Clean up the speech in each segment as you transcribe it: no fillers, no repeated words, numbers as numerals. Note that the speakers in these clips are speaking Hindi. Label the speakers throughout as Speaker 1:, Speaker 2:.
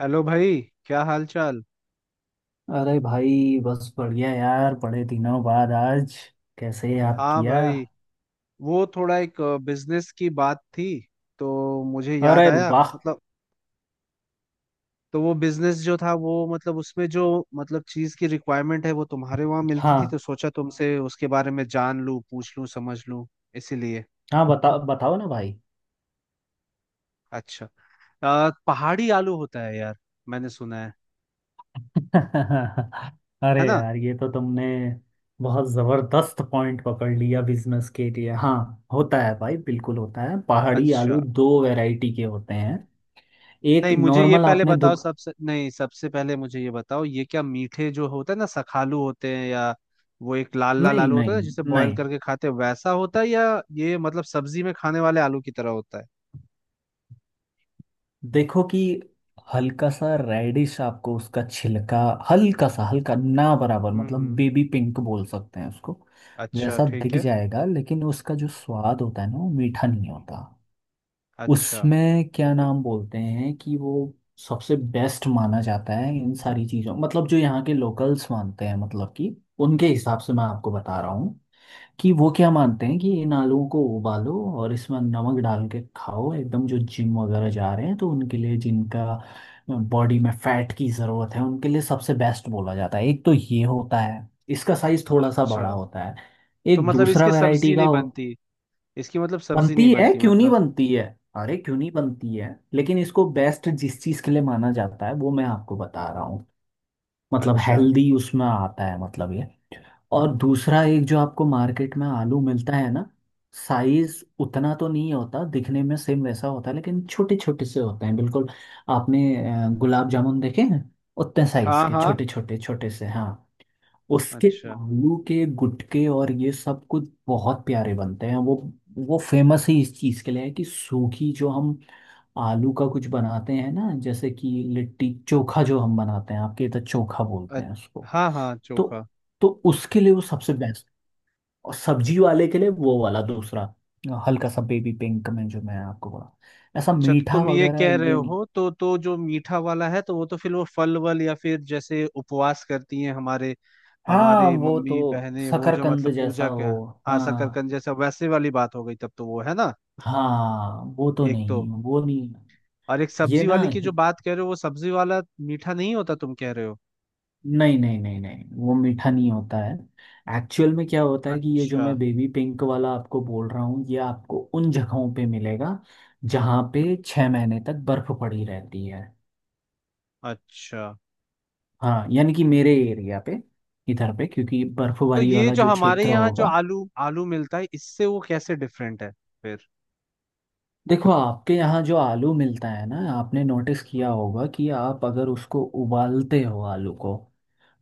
Speaker 1: हेलो भाई। क्या हाल चाल।
Speaker 2: अरे भाई। बस बढ़िया यार, बड़े दिनों बाद आज कैसे याद
Speaker 1: हाँ
Speaker 2: किया।
Speaker 1: भाई, वो थोड़ा एक बिजनेस की बात थी तो मुझे
Speaker 2: अरे
Speaker 1: याद आया।
Speaker 2: वाह।
Speaker 1: मतलब, तो वो बिजनेस जो था वो, मतलब उसमें जो मतलब चीज की रिक्वायरमेंट है वो तुम्हारे वहां मिलती थी, तो
Speaker 2: हाँ
Speaker 1: सोचा तुमसे उसके बारे में जान लूं, पूछ लूं, समझ लूं, इसीलिए।
Speaker 2: हाँ, बताओ बताओ ना भाई।
Speaker 1: अच्छा, पहाड़ी आलू होता है यार, मैंने सुना है
Speaker 2: अरे
Speaker 1: है ना।
Speaker 2: यार, ये तो तुमने बहुत जबरदस्त पॉइंट पकड़ लिया बिजनेस के लिए। हाँ, होता है भाई, बिल्कुल होता है। पहाड़ी
Speaker 1: अच्छा,
Speaker 2: आलू दो वैरायटी के होते हैं। एक
Speaker 1: नहीं मुझे ये
Speaker 2: नॉर्मल
Speaker 1: पहले
Speaker 2: आपने
Speaker 1: बताओ,
Speaker 2: दुख...
Speaker 1: सबसे, नहीं सबसे पहले मुझे ये बताओ, ये क्या मीठे जो होता है ना सखालू होते हैं, या वो एक लाल लाल
Speaker 2: नहीं
Speaker 1: आलू होता
Speaker 2: नहीं
Speaker 1: है ना जिसे बॉईल
Speaker 2: नहीं,
Speaker 1: करके खाते हैं वैसा होता है, या ये मतलब सब्जी में खाने वाले आलू की तरह होता है।
Speaker 2: देखो कि हल्का सा रेडिश आपको उसका छिलका, हल्का सा, हल्का ना बराबर,
Speaker 1: हम्म
Speaker 2: मतलब
Speaker 1: हम्म
Speaker 2: बेबी पिंक बोल सकते हैं उसको।
Speaker 1: अच्छा
Speaker 2: वैसा
Speaker 1: ठीक
Speaker 2: दिख
Speaker 1: है।
Speaker 2: जाएगा, लेकिन उसका जो स्वाद होता है ना, वो मीठा नहीं होता।
Speaker 1: अच्छा,
Speaker 2: उसमें क्या नाम बोलते हैं कि वो सबसे बेस्ट माना जाता है इन सारी चीज़ों, मतलब जो यहाँ के लोकल्स मानते हैं, मतलब कि उनके हिसाब से मैं आपको बता रहा हूँ कि वो क्या मानते हैं, कि इन आलूओं को उबालो और इसमें नमक डाल के खाओ। एकदम जो जिम वगैरह जा रहे हैं तो उनके लिए, जिनका बॉडी में फैट की ज़रूरत है उनके लिए सबसे बेस्ट बोला जाता है। एक तो ये होता है, इसका साइज थोड़ा सा
Speaker 1: अच्छा,
Speaker 2: बड़ा होता है।
Speaker 1: तो
Speaker 2: एक
Speaker 1: मतलब
Speaker 2: दूसरा
Speaker 1: इसकी
Speaker 2: वैरायटी
Speaker 1: सब्जी
Speaker 2: का
Speaker 1: नहीं
Speaker 2: हो...
Speaker 1: बनती? इसकी मतलब सब्जी
Speaker 2: बनती
Speaker 1: नहीं
Speaker 2: है,
Speaker 1: बनती
Speaker 2: क्यों नहीं
Speaker 1: मतलब?
Speaker 2: बनती है। अरे क्यों नहीं बनती है, लेकिन इसको बेस्ट जिस चीज़ के लिए माना जाता है वो मैं आपको बता रहा हूँ, मतलब
Speaker 1: अच्छा।
Speaker 2: हेल्दी उसमें आता है, मतलब ये। और दूसरा एक जो आपको मार्केट में आलू मिलता है ना, साइज उतना तो नहीं होता, दिखने में सेम वैसा होता है, लेकिन छोटे छोटे से होते हैं बिल्कुल। आपने गुलाब जामुन देखे हैं? उतने साइज
Speaker 1: हाँ
Speaker 2: के,
Speaker 1: हाँ।
Speaker 2: छोटे छोटे छोटे से। हाँ, उसके
Speaker 1: अच्छा।
Speaker 2: आलू के गुटके और ये सब कुछ बहुत प्यारे बनते हैं वो। वो फेमस ही इस चीज़ के लिए है कि सूखी जो हम आलू का कुछ बनाते हैं ना, जैसे कि लिट्टी चोखा जो हम बनाते हैं, आपके इधर चोखा बोलते
Speaker 1: अ-
Speaker 2: हैं उसको।
Speaker 1: हाँ हाँ,
Speaker 2: तो
Speaker 1: चोखा।
Speaker 2: तो उसके लिए वो सबसे बेस्ट, और सब्जी वाले के लिए वो वाला दूसरा, हल्का सा बेबी पिंक में जो मैं आपको बोला, ऐसा
Speaker 1: अच्छा तो
Speaker 2: मीठा
Speaker 1: तुम ये
Speaker 2: वगैरह
Speaker 1: कह रहे
Speaker 2: ये नहीं।
Speaker 1: हो तो जो मीठा वाला है तो वो तो फिर वो फल वल, या फिर जैसे उपवास करती हैं हमारे,
Speaker 2: हाँ, वो तो
Speaker 1: मम्मी बहनें वो जो
Speaker 2: शकरकंद
Speaker 1: मतलब
Speaker 2: जैसा
Speaker 1: पूजा के।
Speaker 2: हो...
Speaker 1: हाँ,
Speaker 2: हाँ
Speaker 1: शकरकंद जैसा, वैसे वाली बात हो गई तब तो, वो है ना।
Speaker 2: हाँ, वो तो
Speaker 1: एक तो,
Speaker 2: नहीं, वो नहीं।
Speaker 1: और एक
Speaker 2: ये
Speaker 1: सब्जी
Speaker 2: ना
Speaker 1: वाली की जो
Speaker 2: ही-
Speaker 1: बात कह रहे हो, वो सब्जी वाला मीठा नहीं होता तुम कह रहे हो।
Speaker 2: नहीं नहीं नहीं नहीं, वो मीठा नहीं होता है। एक्चुअल में क्या होता है कि ये जो
Speaker 1: अच्छा।
Speaker 2: मैं बेबी पिंक वाला आपको बोल रहा हूँ, ये आपको उन जगहों पे मिलेगा जहाँ पे 6 महीने तक बर्फ पड़ी रहती है।
Speaker 1: अच्छा,
Speaker 2: हाँ, यानी कि मेरे एरिया पे, इधर पे, क्योंकि
Speaker 1: तो
Speaker 2: बर्फबारी
Speaker 1: ये
Speaker 2: वाला
Speaker 1: जो
Speaker 2: जो
Speaker 1: हमारे
Speaker 2: क्षेत्र
Speaker 1: यहाँ जो
Speaker 2: होगा।
Speaker 1: आलू आलू मिलता है इससे वो कैसे डिफरेंट है फिर?
Speaker 2: देखो आपके यहाँ जो आलू मिलता है ना, आपने नोटिस किया
Speaker 1: हम्म।
Speaker 2: होगा कि आप अगर उसको उबालते हो, आलू को,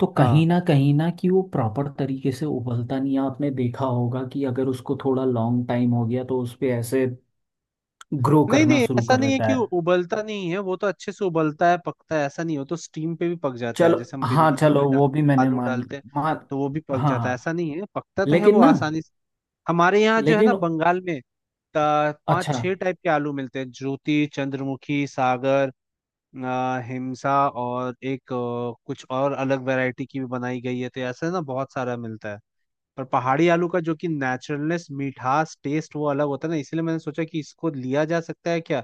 Speaker 2: तो
Speaker 1: हाँ।
Speaker 2: कहीं ना कि वो प्रॉपर तरीके से उबलता नहीं है। आपने देखा होगा कि अगर उसको थोड़ा लॉन्ग टाइम हो गया तो उस पे ऐसे ग्रो
Speaker 1: नहीं
Speaker 2: करना
Speaker 1: नहीं,
Speaker 2: शुरू
Speaker 1: ऐसा
Speaker 2: कर
Speaker 1: नहीं है
Speaker 2: देता
Speaker 1: कि
Speaker 2: है।
Speaker 1: वो उबलता नहीं है, वो तो अच्छे से उबलता है, पकता है, ऐसा नहीं हो तो स्टीम पे भी पक जाता है,
Speaker 2: चलो,
Speaker 1: जैसे हम
Speaker 2: हाँ
Speaker 1: बिरयानी में
Speaker 2: चलो,
Speaker 1: डाल,
Speaker 2: वो भी मैंने
Speaker 1: आलू
Speaker 2: मान,
Speaker 1: डालते हैं
Speaker 2: मान।
Speaker 1: तो वो भी पक
Speaker 2: हाँ
Speaker 1: जाता है, ऐसा
Speaker 2: हाँ,
Speaker 1: नहीं है, पकता तो है
Speaker 2: लेकिन
Speaker 1: वो
Speaker 2: ना,
Speaker 1: आसानी से। हमारे यहाँ जो है ना
Speaker 2: लेकिन
Speaker 1: बंगाल में, पाँच
Speaker 2: अच्छा।
Speaker 1: छह टाइप के आलू मिलते हैं, ज्योति, चंद्रमुखी, सागर, हिमसा, और एक कुछ और अलग वैरायटी की भी बनाई गई है, तो ऐसे ना बहुत सारा मिलता है। पर पहाड़ी आलू का जो कि नेचुरलनेस, मिठास, टेस्ट, वो अलग होता है ना, इसलिए मैंने सोचा कि इसको लिया जा सकता है क्या,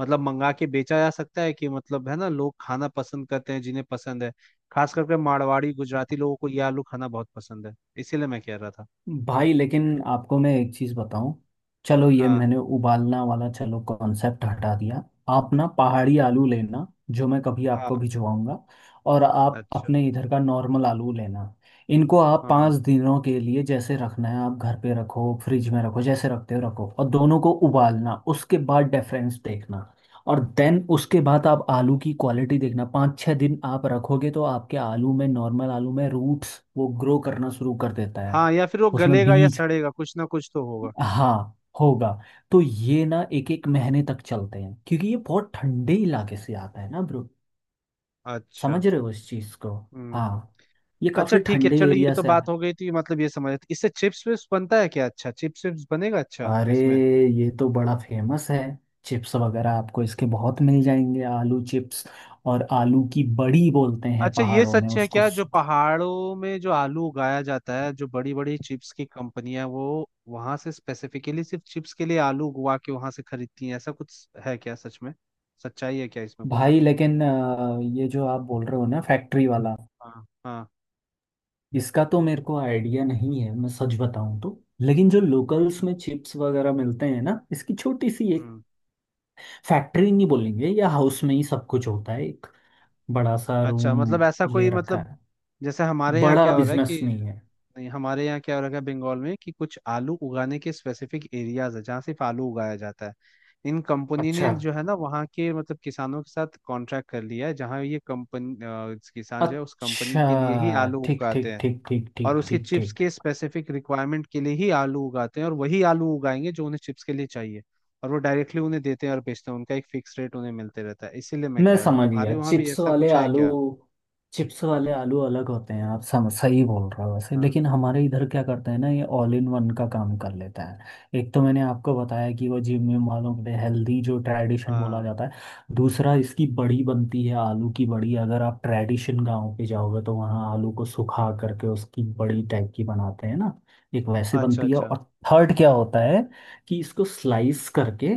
Speaker 1: मतलब मंगा के बेचा जा सकता है कि, मतलब है ना, लोग खाना पसंद करते हैं, जिन्हें पसंद है, खास करके मारवाड़ी, गुजराती लोगों को ये आलू खाना बहुत पसंद है, इसीलिए मैं कह रहा था।
Speaker 2: भाई, लेकिन आपको मैं एक चीज़ बताऊं। चलो, ये
Speaker 1: हाँ
Speaker 2: मैंने उबालना वाला चलो कॉन्सेप्ट हटा दिया। आप ना पहाड़ी आलू लेना, जो मैं कभी आपको
Speaker 1: हाँ।
Speaker 2: भिजवाऊंगा, और आप
Speaker 1: अच्छा।
Speaker 2: अपने इधर का नॉर्मल आलू लेना। इनको आप पाँच
Speaker 1: हाँ
Speaker 2: दिनों के लिए, जैसे रखना है आप घर पे रखो, फ्रिज में रखो, जैसे रखते हो रखो, और दोनों को उबालना, उसके बाद डिफरेंस देखना। और देन उसके बाद आप आलू की क्वालिटी देखना। 5-6 दिन आप रखोगे तो आपके आलू में, नॉर्मल आलू में, रूट्स वो ग्रो करना शुरू कर देता है।
Speaker 1: हाँ, या फिर वो
Speaker 2: उसमें
Speaker 1: गलेगा या
Speaker 2: बीज,
Speaker 1: सड़ेगा, कुछ ना कुछ तो होगा।
Speaker 2: हाँ, होगा। तो ये ना एक एक महीने तक चलते हैं, क्योंकि ये बहुत ठंडे इलाके से आता है ना ब्रो।
Speaker 1: अच्छा।
Speaker 2: समझ रहे हो इस चीज को?
Speaker 1: हम्म।
Speaker 2: हाँ, ये
Speaker 1: अच्छा
Speaker 2: काफी
Speaker 1: ठीक है,
Speaker 2: ठंडे
Speaker 1: चलो ये
Speaker 2: एरिया
Speaker 1: तो
Speaker 2: से आ-।
Speaker 1: बात हो गई थी। मतलब ये समझ, इससे चिप्स विप्स बनता है क्या? अच्छा, चिप्स विप्स बनेगा। अच्छा,
Speaker 2: अरे,
Speaker 1: इसमें
Speaker 2: ये तो बड़ा फेमस है, चिप्स वगैरह आपको इसके बहुत मिल जाएंगे, आलू चिप्स, और आलू की बड़ी बोलते हैं
Speaker 1: अच्छा, ये
Speaker 2: पहाड़ों में
Speaker 1: सच है
Speaker 2: उसको,
Speaker 1: क्या जो
Speaker 2: सूखा।
Speaker 1: पहाड़ों में जो आलू उगाया जाता है, जो बड़ी बड़ी चिप्स की कंपनियां वो वहां से स्पेसिफिकली सिर्फ चिप्स के लिए आलू उगवा के वहां से खरीदती हैं, ऐसा कुछ है क्या सच में? सच्चाई है क्या इसमें कुछ?
Speaker 2: भाई, लेकिन ये जो आप बोल रहे हो ना फैक्ट्री वाला,
Speaker 1: हाँ हाँ।
Speaker 2: इसका तो मेरे को आइडिया नहीं है, मैं सच बताऊं तो, लेकिन जो लोकल्स में चिप्स वगैरह मिलते हैं ना, इसकी छोटी सी एक
Speaker 1: हम्म।
Speaker 2: फैक्ट्री नहीं बोलेंगे, या हाउस में ही सब कुछ होता है, एक बड़ा सा
Speaker 1: अच्छा
Speaker 2: रूम
Speaker 1: मतलब ऐसा
Speaker 2: ले
Speaker 1: कोई
Speaker 2: रखा
Speaker 1: मतलब,
Speaker 2: है,
Speaker 1: जैसे हमारे यहाँ
Speaker 2: बड़ा
Speaker 1: क्या हो रहा है कि,
Speaker 2: बिजनेस नहीं है।
Speaker 1: नहीं हमारे यहाँ क्या हो रखा है बंगाल में कि, कुछ आलू उगाने के स्पेसिफिक एरियाज है जहाँ सिर्फ आलू उगाया जाता है। इन कंपनी ने
Speaker 2: अच्छा।
Speaker 1: जो है ना वहाँ के मतलब किसानों के साथ कॉन्ट्रैक्ट कर लिया है, जहाँ ये कंपनी, किसान जो है उस कंपनी
Speaker 2: अच्छा
Speaker 1: के लिए ही आलू
Speaker 2: ठीक
Speaker 1: उगाते
Speaker 2: ठीक
Speaker 1: हैं,
Speaker 2: ठीक ठीक
Speaker 1: और
Speaker 2: ठीक
Speaker 1: उसके
Speaker 2: ठीक
Speaker 1: चिप्स
Speaker 2: ठीक।
Speaker 1: के स्पेसिफिक रिक्वायरमेंट के लिए ही आलू उगाते हैं, और वही आलू उगाएंगे जो उन्हें चिप्स के लिए चाहिए। और वो डायरेक्टली उन्हें देते हैं और बेचते हैं, उनका एक फिक्स रेट उन्हें मिलते रहता है, इसीलिए मैं
Speaker 2: मैं
Speaker 1: कह रहा था
Speaker 2: समझ
Speaker 1: तुम्हारे
Speaker 2: गया,
Speaker 1: वहाँ भी
Speaker 2: चिप्स
Speaker 1: ऐसा
Speaker 2: वाले
Speaker 1: कुछ है
Speaker 2: आलू,
Speaker 1: क्या।
Speaker 2: चिप्स वाले आलू अलग होते हैं। आप सही बोल रहे हो वैसे,
Speaker 1: हाँ
Speaker 2: लेकिन हमारे इधर क्या करते हैं ना, ये ऑल इन वन का काम कर लेता है। एक तो मैंने आपको बताया कि वो जिम में वालों के लिए हेल्दी, जो ट्रेडिशन बोला
Speaker 1: हाँ।
Speaker 2: जाता है। दूसरा, इसकी बड़ी बनती है, आलू की बड़ी, अगर आप ट्रेडिशन गांव पे जाओगे तो वहाँ आलू को सुखा करके उसकी बड़ी टाइप की बनाते हैं ना, एक वैसे
Speaker 1: अच्छा।
Speaker 2: बनती है।
Speaker 1: अच्छा।
Speaker 2: और थर्ड क्या होता है कि इसको स्लाइस करके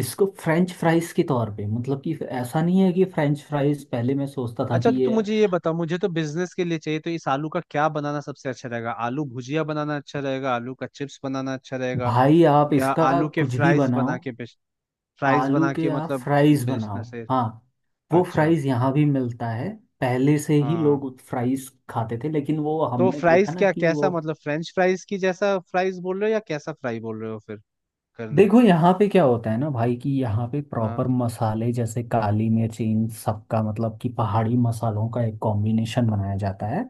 Speaker 2: इसको फ्रेंच फ्राइज के तौर पे, मतलब कि ऐसा नहीं है कि फ्रेंच फ्राइज पहले मैं सोचता था
Speaker 1: अच्छा
Speaker 2: कि
Speaker 1: तो तू
Speaker 2: ये...
Speaker 1: मुझे ये बता, मुझे तो बिजनेस के लिए चाहिए, तो इस आलू का क्या बनाना सबसे अच्छा रहेगा, आलू भुजिया बनाना अच्छा रहेगा, आलू का चिप्स बनाना अच्छा रहेगा,
Speaker 2: भाई, आप
Speaker 1: या
Speaker 2: इसका
Speaker 1: आलू के
Speaker 2: कुछ भी
Speaker 1: फ्राइज
Speaker 2: बनाओ,
Speaker 1: बना के बेच, फ्राइज
Speaker 2: आलू
Speaker 1: बना
Speaker 2: के
Speaker 1: के
Speaker 2: आप
Speaker 1: मतलब
Speaker 2: फ्राइज बनाओ।
Speaker 1: बिजनेस है।
Speaker 2: हाँ, वो
Speaker 1: अच्छा।
Speaker 2: फ्राइज यहाँ भी मिलता है, पहले से ही
Speaker 1: हाँ,
Speaker 2: लोग फ्राइज खाते थे, लेकिन वो
Speaker 1: तो
Speaker 2: हमने देखा
Speaker 1: फ्राइज
Speaker 2: ना
Speaker 1: क्या
Speaker 2: कि वो...
Speaker 1: कैसा, मतलब फ्रेंच फ्राइज की जैसा फ्राइज बोल रहे हो या कैसा फ्राई बोल रहे हो फिर करने।
Speaker 2: देखो यहाँ पे क्या होता है ना भाई, कि यहाँ पे
Speaker 1: हाँ।
Speaker 2: प्रॉपर मसाले जैसे काली मिर्च, इन सबका, मतलब कि पहाड़ी मसालों का एक कॉम्बिनेशन बनाया जाता है।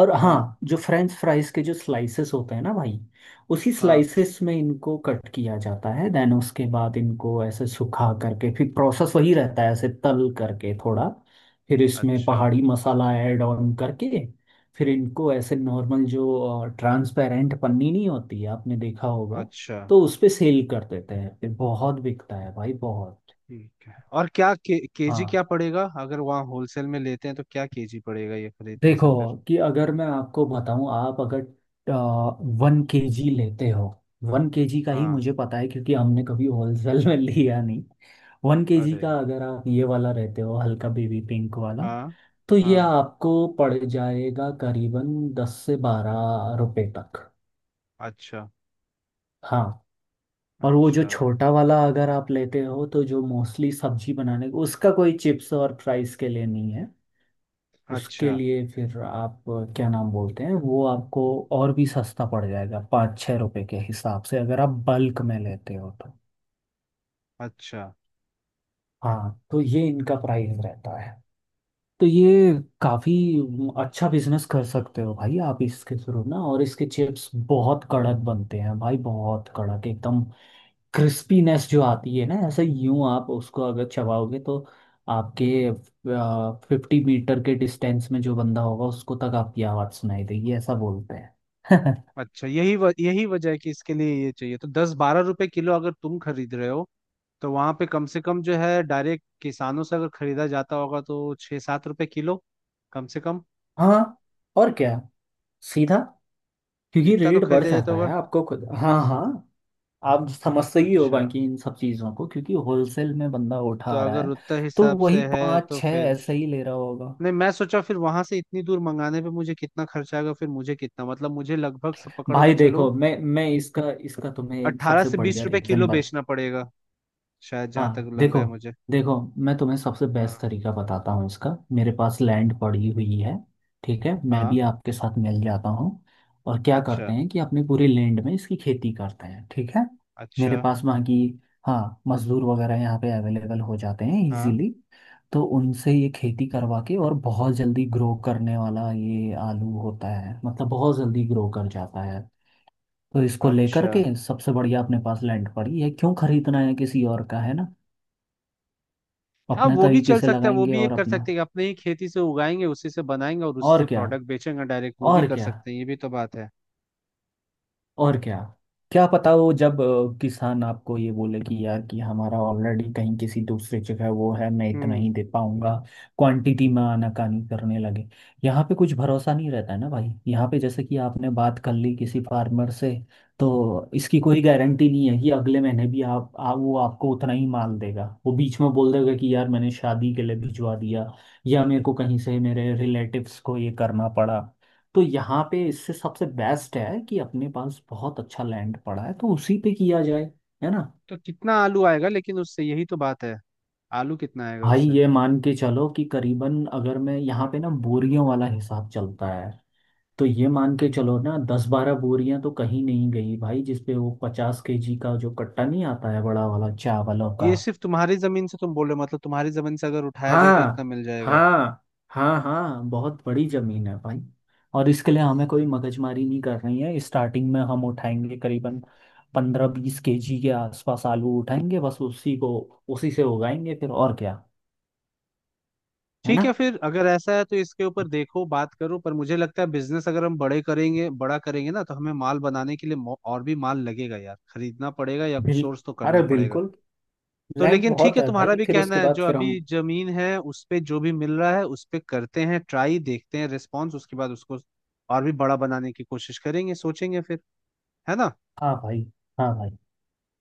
Speaker 2: और हाँ,
Speaker 1: हाँ।
Speaker 2: जो फ्रेंच फ्राइज के जो स्लाइसेस होते हैं ना भाई, उसी
Speaker 1: हाँ।
Speaker 2: स्लाइसेस में इनको कट किया जाता है। देन उसके बाद इनको ऐसे सुखा करके, फिर प्रोसेस वही रहता है, ऐसे तल करके थोड़ा, फिर इसमें
Speaker 1: अच्छा।
Speaker 2: पहाड़ी मसाला ऐड ऑन करके, फिर इनको ऐसे नॉर्मल जो ट्रांसपेरेंट पन्नी नहीं होती है आपने देखा होगा,
Speaker 1: अच्छा
Speaker 2: तो उस पे सेल कर देते हैं। फिर बहुत बिकता है भाई, बहुत।
Speaker 1: ठीक है, और क्या केजी क्या
Speaker 2: हाँ,
Speaker 1: पड़ेगा, अगर वहाँ होलसेल में लेते हैं तो क्या केजी पड़ेगा ये खरीदने
Speaker 2: देखो,
Speaker 1: से फिर?
Speaker 2: कि अगर मैं आपको बताऊं, आप अगर 1 केजी लेते हो, वन केजी का ही
Speaker 1: हाँ।
Speaker 2: मुझे पता है क्योंकि हमने कभी होलसेल में लिया नहीं। 1 केजी
Speaker 1: अरे,
Speaker 2: का अगर आप ये वाला रहते हो, हल्का बेबी पिंक वाला,
Speaker 1: हाँ।
Speaker 2: तो ये
Speaker 1: हाँ।
Speaker 2: आपको पड़ जाएगा करीबन 10 से 12 रुपए तक।
Speaker 1: अच्छा।
Speaker 2: हाँ, और वो जो
Speaker 1: अच्छा।
Speaker 2: छोटा वाला अगर आप लेते हो, तो जो मोस्टली सब्जी बनाने, उसका कोई चिप्स और फ्राइज के लिए नहीं है, उसके
Speaker 1: अच्छा।
Speaker 2: लिए फिर आप क्या नाम बोलते हैं वो आपको, और भी सस्ता पड़ जाएगा, 5-6 रुपए के हिसाब से अगर आप बल्क में लेते हो तो।
Speaker 1: अच्छा।
Speaker 2: हाँ, तो ये इनका प्राइस रहता है। तो ये काफ़ी अच्छा बिजनेस कर सकते हो भाई आप इसके थ्रू ना। और इसके चिप्स बहुत कड़क बनते हैं भाई, बहुत कड़क एकदम। क्रिस्पीनेस जो आती है ना, ऐसे यूं आप उसको अगर चबाओगे तो आपके 50 मीटर के डिस्टेंस में जो बंदा होगा उसको तक आपकी आवाज़ सुनाई देगी, ऐसा बोलते हैं।
Speaker 1: अच्छा यही यही वजह है कि इसके लिए ये चाहिए, तो दस बारह रुपए किलो अगर तुम खरीद रहे हो, तो वहां पे कम से कम जो है डायरेक्ट किसानों से अगर खरीदा जाता होगा तो छह सात रुपए किलो, कम से कम
Speaker 2: हाँ, और क्या, सीधा। क्योंकि
Speaker 1: इतना तो
Speaker 2: रेट बढ़
Speaker 1: खरीदा जाता
Speaker 2: जाता
Speaker 1: होगा।
Speaker 2: है आपको खुद। हाँ हाँ, आप समझते ही हो
Speaker 1: अच्छा
Speaker 2: बाकी इन सब चीज़ों को, क्योंकि होलसेल में बंदा
Speaker 1: तो
Speaker 2: उठा रहा
Speaker 1: अगर
Speaker 2: है,
Speaker 1: उतना
Speaker 2: तो
Speaker 1: हिसाब
Speaker 2: वही
Speaker 1: से है
Speaker 2: पाँच
Speaker 1: तो
Speaker 2: छः
Speaker 1: फिर,
Speaker 2: ऐसे ही ले रहा होगा।
Speaker 1: नहीं मैं सोचा फिर वहां से इतनी दूर मंगाने पे मुझे कितना खर्चा आएगा, फिर मुझे कितना मतलब मुझे लगभग से पकड़ के
Speaker 2: भाई
Speaker 1: चलो
Speaker 2: देखो, मैं इसका इसका तुम्हें एक
Speaker 1: अट्ठारह
Speaker 2: सबसे
Speaker 1: से बीस
Speaker 2: बढ़िया
Speaker 1: रुपए
Speaker 2: रीज़न...
Speaker 1: किलो बेचना पड़ेगा शायद, जहाँ तक
Speaker 2: हाँ
Speaker 1: लग रहा
Speaker 2: देखो,
Speaker 1: है मुझे।
Speaker 2: देखो, मैं तुम्हें सबसे बेस्ट
Speaker 1: हाँ।
Speaker 2: तरीका बताता हूँ इसका। मेरे पास लैंड पड़ी हुई है, ठीक है, मैं
Speaker 1: हाँ।
Speaker 2: भी आपके साथ मिल जाता हूँ। और क्या करते
Speaker 1: अच्छा।
Speaker 2: हैं कि अपनी पूरी लैंड में इसकी खेती करते हैं, ठीक है।
Speaker 1: अच्छा।
Speaker 2: मेरे पास वहाँ की, हाँ, मजदूर वगैरह यहाँ पे अवेलेबल हो जाते हैं
Speaker 1: हाँ।
Speaker 2: इजीली। तो उनसे ये खेती करवा के, और बहुत जल्दी ग्रो करने वाला ये आलू होता है, मतलब बहुत जल्दी ग्रो कर जाता है। तो इसको लेकर
Speaker 1: अच्छा।
Speaker 2: के सबसे बढ़िया, अपने पास लैंड पड़ी है, क्यों खरीदना है किसी और का, है ना।
Speaker 1: हाँ
Speaker 2: अपने
Speaker 1: वो भी
Speaker 2: तरीके
Speaker 1: चल
Speaker 2: से
Speaker 1: सकता है, वो
Speaker 2: लगाएंगे
Speaker 1: भी
Speaker 2: और
Speaker 1: एक कर
Speaker 2: अपना,
Speaker 1: सकते हैं, अपने ही खेती से उगाएंगे उसी से बनाएंगे और
Speaker 2: और
Speaker 1: उससे
Speaker 2: क्या,
Speaker 1: प्रोडक्ट बेचेंगे डायरेक्ट, वो भी
Speaker 2: और
Speaker 1: कर
Speaker 2: क्या,
Speaker 1: सकते हैं, ये भी तो बात है।
Speaker 2: और क्या। क्या पता वो जब किसान आपको ये बोले कि यार कि हमारा ऑलरेडी कहीं किसी दूसरे जगह वो है, मैं इतना
Speaker 1: हम्म।
Speaker 2: ही दे पाऊंगा, क्वांटिटी में आनाकानी करने लगे। यहाँ पे कुछ भरोसा नहीं रहता है ना भाई, यहाँ पे जैसे कि आपने बात कर ली किसी फार्मर से, तो इसकी कोई गारंटी नहीं है कि अगले महीने भी वो आपको उतना ही माल देगा, वो बीच में बोल देगा कि यार मैंने शादी के लिए भिजवा दिया, या मेरे को कहीं से मेरे रिलेटिव्स को ये करना पड़ा। तो यहाँ पे इससे सबसे बेस्ट है कि अपने पास बहुत अच्छा लैंड पड़ा है तो उसी पे किया जाए, है ना।
Speaker 1: तो कितना आलू आएगा लेकिन उससे, यही तो बात है, आलू कितना आएगा
Speaker 2: भाई
Speaker 1: उससे?
Speaker 2: ये मान के चलो कि करीबन, अगर मैं यहाँ पे ना बोरियों वाला हिसाब चलता है, तो ये मान के चलो ना 10-12 बोरियां तो कहीं नहीं गई भाई, जिसपे वो 50 केजी का जो कट्टा नहीं आता है, बड़ा वाला, चावलों का।
Speaker 1: ये सिर्फ तुम्हारी जमीन से तुम बोल रहे हो, मतलब तुम्हारी जमीन से अगर उठाया जाए तो इतना
Speaker 2: हाँ,
Speaker 1: मिल जाएगा?
Speaker 2: हाँ हाँ, हाँ बहुत बड़ी जमीन है भाई। और इसके लिए हमें कोई मगजमारी नहीं कर रही है। स्टार्टिंग में हम उठाएंगे करीबन 15-20 केजी के आसपास आलू उठाएंगे, बस उसी को उसी से उगाएंगे, फिर और क्या। है ना,
Speaker 1: ठीक है फिर, अगर ऐसा है तो इसके ऊपर देखो बात करो, पर मुझे लगता है बिजनेस अगर हम बड़े करेंगे, बड़ा करेंगे ना तो हमें माल बनाने के लिए और भी माल लगेगा यार, खरीदना पड़ेगा या
Speaker 2: बिल...
Speaker 1: सोर्स तो
Speaker 2: अरे
Speaker 1: करना पड़ेगा।
Speaker 2: बिल्कुल,
Speaker 1: तो
Speaker 2: लैंड
Speaker 1: लेकिन ठीक
Speaker 2: बहुत
Speaker 1: है,
Speaker 2: है
Speaker 1: तुम्हारा
Speaker 2: भाई,
Speaker 1: भी
Speaker 2: फिर
Speaker 1: कहना
Speaker 2: उसके
Speaker 1: है
Speaker 2: बाद
Speaker 1: जो
Speaker 2: फिर हम...
Speaker 1: अभी जमीन है उस पे जो भी मिल रहा है उस पे करते हैं, ट्राई देखते हैं रिस्पॉन्स, उसके बाद उसको और भी बड़ा बनाने की कोशिश करेंगे, सोचेंगे फिर, है ना।
Speaker 2: हाँ भाई, हाँ भाई,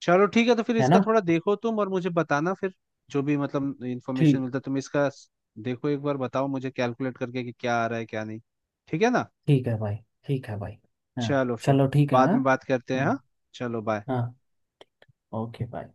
Speaker 1: चलो ठीक है, तो फिर
Speaker 2: है
Speaker 1: इसका
Speaker 2: ना,
Speaker 1: थोड़ा देखो तुम और मुझे बताना फिर, जो भी मतलब इंफॉर्मेशन
Speaker 2: ठीक,
Speaker 1: मिलता है तुम इसका देखो एक बार बताओ मुझे, कैलकुलेट करके कि क्या आ रहा है क्या नहीं, ठीक है ना।
Speaker 2: ठीक है भाई, ठीक है भाई। हाँ,
Speaker 1: चलो फिर,
Speaker 2: चलो ठीक है। हाँ।
Speaker 1: बाद में बात करते हैं, हाँ।
Speaker 2: हम्म।
Speaker 1: चलो बाय।
Speaker 2: हाँ, ओके भाई।